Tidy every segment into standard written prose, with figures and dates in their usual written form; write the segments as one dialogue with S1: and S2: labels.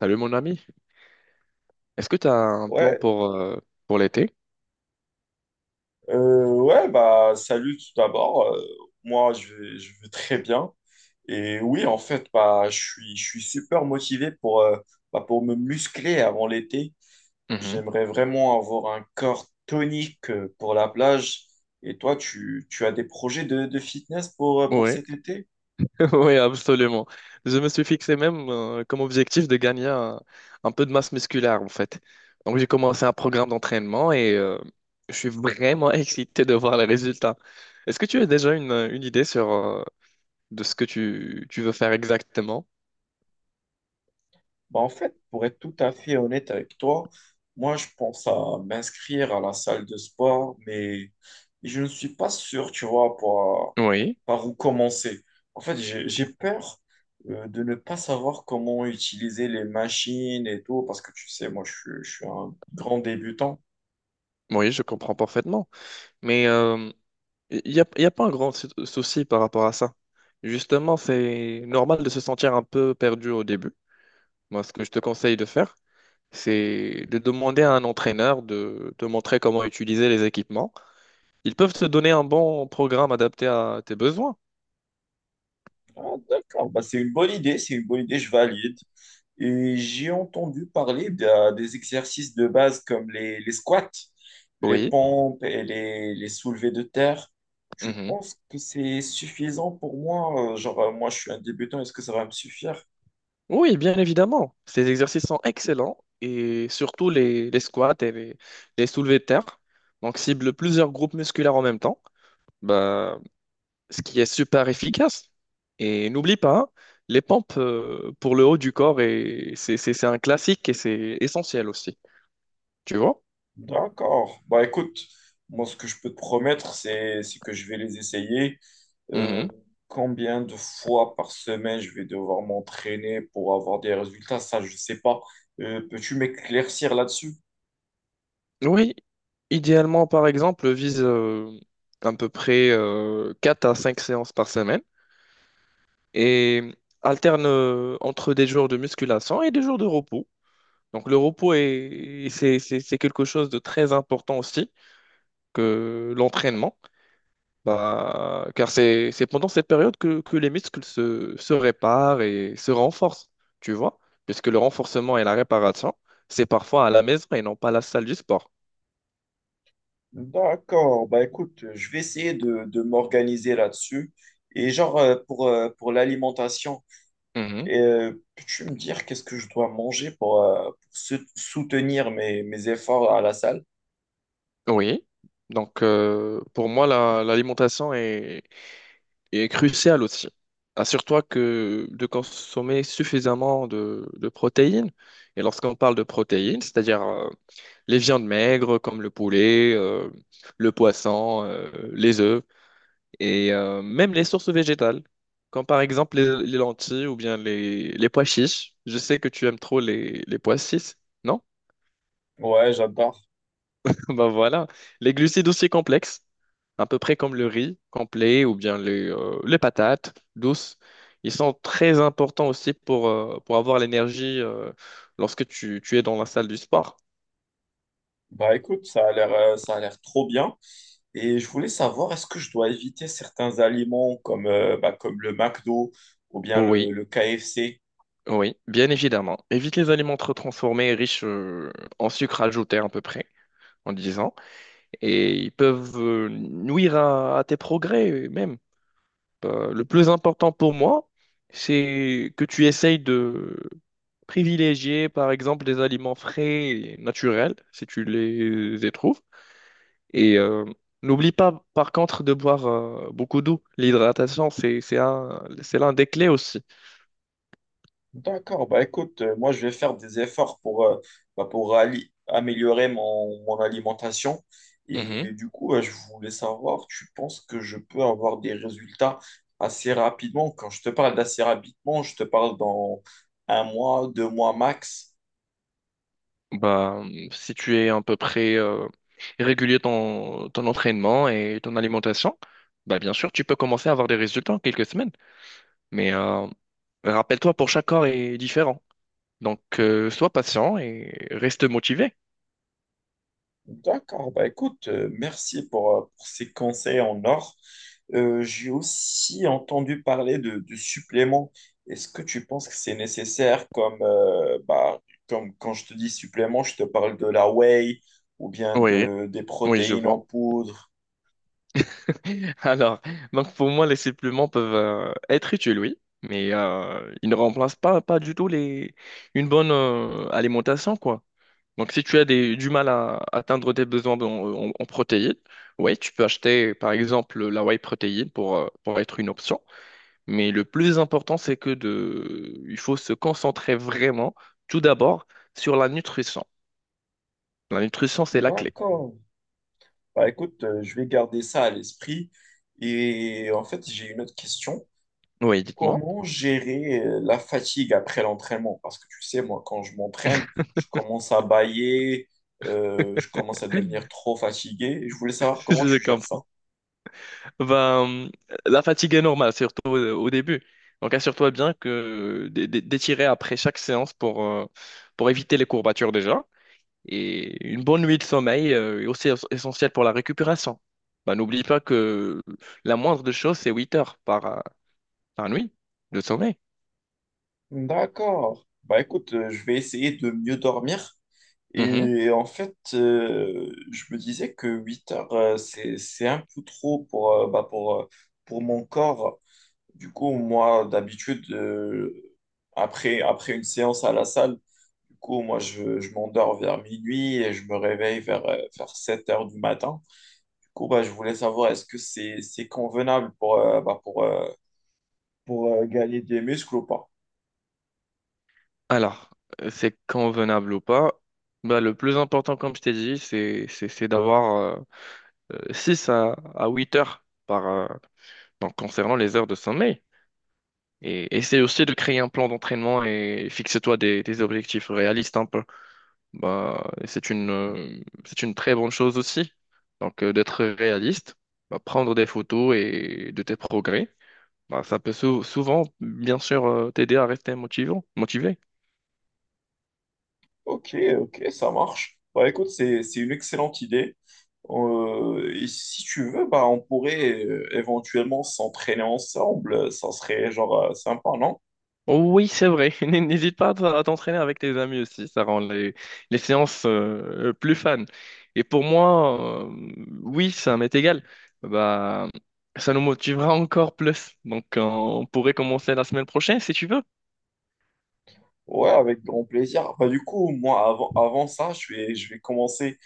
S1: Salut mon ami, est-ce que tu as un plan
S2: Ouais,
S1: pour l'été?
S2: ouais, bah salut tout d'abord. Moi, je vais très bien. Et oui, en fait, bah, je suis super motivé pour, bah, pour me muscler avant l'été.
S1: Mhm.
S2: J'aimerais vraiment avoir un corps tonique pour la plage. Et toi, tu as des projets de fitness pour
S1: Oui,
S2: cet été?
S1: oui, absolument. Je me suis fixé même comme objectif de gagner un peu de masse musculaire en fait. Donc j'ai commencé un programme d'entraînement et je suis vraiment excité de voir les résultats. Est-ce que tu as déjà une idée sur de ce que tu veux faire exactement?
S2: Bah, en fait, pour être tout à fait honnête avec toi, moi, je pense à m'inscrire à la salle de sport, mais je ne suis pas sûr, tu vois, pour,
S1: Oui,
S2: par où commencer. En fait, j'ai peur de ne pas savoir comment utiliser les machines et tout, parce que tu sais, moi, je, je suis un grand débutant.
S1: oui, je comprends parfaitement. Mais il y a pas un grand souci par rapport à ça. Justement, c'est normal de se sentir un peu perdu au début. Moi, ce que je te conseille de faire, c'est de demander à un entraîneur de te montrer comment utiliser les équipements. Ils peuvent te donner un bon programme adapté à tes besoins.
S2: Ah, d'accord, bah, c'est une bonne idée, c'est une bonne idée, je valide. Et j'ai entendu parler des exercices de base comme les squats, les
S1: Oui.
S2: pompes et les soulevés de terre. Tu
S1: Mhm.
S2: penses que c'est suffisant pour moi. Genre, moi, je suis un débutant, est-ce que ça va me suffire?
S1: Oui, bien évidemment. Ces exercices sont excellents, et surtout les squats et les soulevés de terre. Donc, cible plusieurs groupes musculaires en même temps. Bah, ce qui est super efficace. Et n'oublie pas, hein, les pompes pour le haut du corps, et c'est un classique et c'est essentiel aussi. Tu vois?
S2: D'accord. Bah écoute, moi ce que je peux te promettre, c'est que je vais les essayer. Euh,
S1: Mhm.
S2: Combien de fois par semaine je vais devoir m'entraîner pour avoir des résultats, ça je sais pas. Peux-tu m'éclaircir là-dessus?
S1: Oui, idéalement, par exemple, vise à peu près 4 à 5 séances par semaine et alterne entre des jours de musculation et des jours de repos. Donc le repos c'est quelque chose de très important aussi que l'entraînement. Bah, car c'est pendant cette période que les muscles se réparent et se renforcent, tu vois, puisque le renforcement et la réparation, c'est parfois à la maison et non pas à la salle du sport.
S2: D'accord. Bah écoute, je vais essayer de m'organiser là-dessus. Et genre pour l'alimentation,
S1: Mhm.
S2: peux-tu me dire qu'est-ce que je dois manger pour soutenir mes, mes efforts à la salle?
S1: Oui. Donc, pour moi, l'alimentation est cruciale aussi. Assure-toi que de consommer suffisamment de protéines. Et lorsqu'on parle de protéines, c'est-à-dire les viandes maigres comme le poulet, le poisson, les œufs, et même les sources végétales, comme par exemple les lentilles ou bien les pois chiches. Je sais que tu aimes trop les pois chiches, non?
S2: Ouais, j'adore.
S1: Ben voilà. Les glucides aussi complexes, à peu près comme le riz complet ou bien les patates douces. Ils sont très importants aussi pour avoir l'énergie lorsque tu es dans la salle du sport.
S2: Bah écoute, ça a l'air trop bien. Et je voulais savoir, est-ce que je dois éviter certains aliments comme, bah, comme le McDo ou bien
S1: Oui,
S2: le KFC?
S1: oui, bien évidemment. Évite les aliments trop transformés, et riches en sucre ajouté à peu près, en disant. Et ils peuvent nuire à tes progrès même. Le plus important pour moi, c'est que tu essayes de privilégier, par exemple, des aliments frais et naturels, si tu les y trouves. Et n'oublie pas, par contre, de boire beaucoup d'eau. L'hydratation, c'est l'un des clés aussi.
S2: D'accord, bah écoute, moi je vais faire des efforts pour, bah, pour améliorer mon, mon alimentation.
S1: Mhm.
S2: Et du coup, je voulais savoir, tu penses que je peux avoir des résultats assez rapidement? Quand je te parle d'assez rapidement, je te parle dans un mois, deux mois max.
S1: Bah, si tu es à peu près régulier ton entraînement et ton alimentation, bah, bien sûr, tu peux commencer à avoir des résultats en quelques semaines. Mais rappelle-toi, pour chaque corps est différent. Donc, sois patient et reste motivé.
S2: D'accord, bah écoute, merci pour ces conseils en or. J'ai aussi entendu parler de suppléments. Est-ce que tu penses que c'est nécessaire comme, bah, comme quand je te dis supplément, je te parle de la whey ou bien
S1: Oui,
S2: des
S1: oui, je
S2: protéines en
S1: vois.
S2: poudre?
S1: Alors, donc pour moi, les suppléments peuvent être utiles, oui, mais ils ne remplacent pas, pas du tout une bonne alimentation, quoi. Donc, si tu as du mal à atteindre tes besoins en protéines, oui, tu peux acheter par exemple la whey protéine pour être une option. Mais le plus important, c'est il faut se concentrer vraiment, tout d'abord, sur la nutrition. La nutrition, c'est la clé.
S2: D'accord. Bah écoute, je vais garder ça à l'esprit. Et en fait, j'ai une autre question.
S1: Oui, dites-moi.
S2: Comment gérer la fatigue après l'entraînement? Parce que tu sais, moi, quand je m'entraîne, je commence à bâiller, je commence à devenir trop fatigué. Et je voulais savoir comment
S1: Je
S2: tu gères ça.
S1: comprends. Ben, la fatigue est normale, surtout au début. Donc, assure-toi bien que d'étirer après chaque séance pour éviter les courbatures déjà. Et une bonne nuit de sommeil est aussi essentielle pour la récupération. Bah, n'oublie pas que la moindre des choses, c'est 8 heures par nuit de sommeil.
S2: D'accord. Bah écoute, je vais essayer de mieux dormir.
S1: Mhm.
S2: Et en fait, je me disais que 8 heures, c'est un peu trop pour, bah, pour mon corps. Du coup, moi, d'habitude, après une séance à la salle, du coup, moi, je m'endors vers minuit et je me réveille vers, vers 7 heures du matin. Du coup, bah, je voulais savoir, c'est convenable pour, bah, pour gagner des muscles ou pas?
S1: Alors, c'est convenable ou pas? Bah, le plus important, comme je t'ai dit, c'est d'avoir 6 à 8 heures donc, concernant les heures de sommeil. Et essaie aussi de créer un plan d'entraînement et fixe-toi des objectifs réalistes, hein. Bah, et c'est une très bonne chose aussi. Donc, d'être réaliste, bah, prendre des photos et de tes progrès, bah, ça peut souvent, bien sûr, t'aider à rester motivé.
S2: Ok, ok, ça marche. Bah, écoute, c'est une excellente idée. Et si tu veux, bah, on pourrait éventuellement s'entraîner ensemble. Ça serait genre sympa, non?
S1: Oh oui, c'est vrai. N'hésite pas à t'entraîner avec tes amis aussi. Ça rend les séances plus fun. Et pour moi, oui, ça m'est égal. Bah, ça nous motivera encore plus. Donc, on pourrait commencer la semaine prochaine si tu veux.
S2: Ouais, avec grand plaisir. Bah, du coup, moi, avant ça, je vais commencer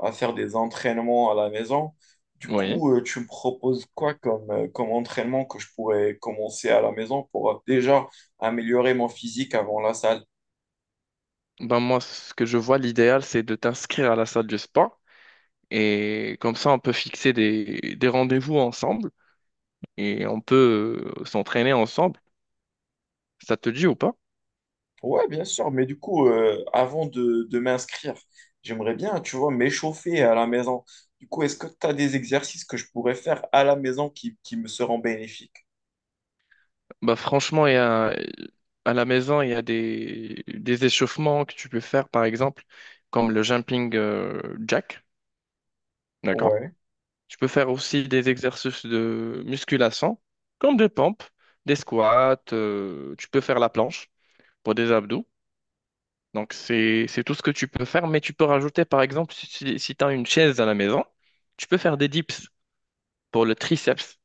S2: à faire des entraînements à la maison. Du
S1: Oui.
S2: coup, tu me proposes quoi comme, comme entraînement que je pourrais commencer à la maison pour déjà améliorer mon physique avant la salle?
S1: Ben moi, ce que je vois, l'idéal, c'est de t'inscrire à la salle du spa. Et comme ça, on peut fixer des rendez-vous ensemble et on peut s'entraîner ensemble. Ça te dit ou pas?
S2: Ouais, bien sûr, mais du coup, avant de m'inscrire, j'aimerais bien, tu vois, m'échauffer à la maison. Du coup, est-ce que tu as des exercices que je pourrais faire à la maison qui me seront bénéfiques?
S1: Bah franchement, il y a, à la maison, il y a des échauffements que tu peux faire, par exemple, comme le jumping jack. D'accord?
S2: Ouais,
S1: Tu peux faire aussi des exercices de musculation, comme des pompes, des squats. Tu peux faire la planche pour des abdos. Donc, c'est tout ce que tu peux faire, mais tu peux rajouter, par exemple, si tu as une chaise à la maison, tu peux faire des dips pour le triceps.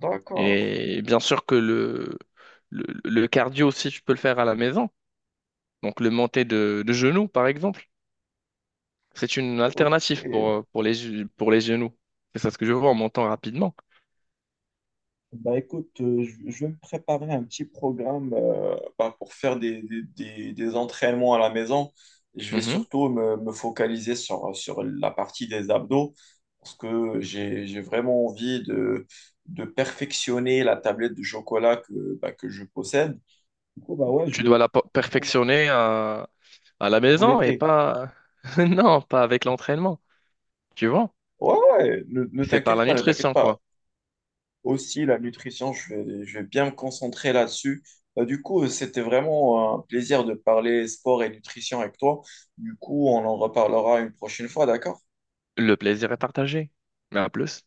S2: d'accord,
S1: Et bien sûr que le cardio aussi, tu peux le faire à la maison. Donc, le monter de genoux, par exemple, c'est une alternative pour,
S2: ok.
S1: euh, pour les, pour les genoux. C'est ça ce que je vois en montant rapidement.
S2: Bah écoute, je vais me préparer un petit programme bah, pour faire des, des entraînements à la maison. Je vais
S1: Mhm.
S2: surtout me, me focaliser sur, sur la partie des abdos parce que j'ai vraiment envie de perfectionner la tablette de chocolat que, bah, que je possède. Du coup, bah ouais,
S1: Tu dois
S2: je vais
S1: la per-
S2: commencer à
S1: perfectionner à la
S2: pour
S1: maison et
S2: l'été.
S1: pas. Non, pas avec l'entraînement, tu vois.
S2: Ouais, ouais, ne
S1: C'est par
S2: t'inquiète
S1: la
S2: pas, ne t'inquiète
S1: nutrition,
S2: pas.
S1: quoi.
S2: Aussi la nutrition, je vais bien me concentrer là-dessus. Du coup, c'était vraiment un plaisir de parler sport et nutrition avec toi. Du coup, on en reparlera une prochaine fois, d'accord?
S1: Le plaisir est partagé. Mais à plus.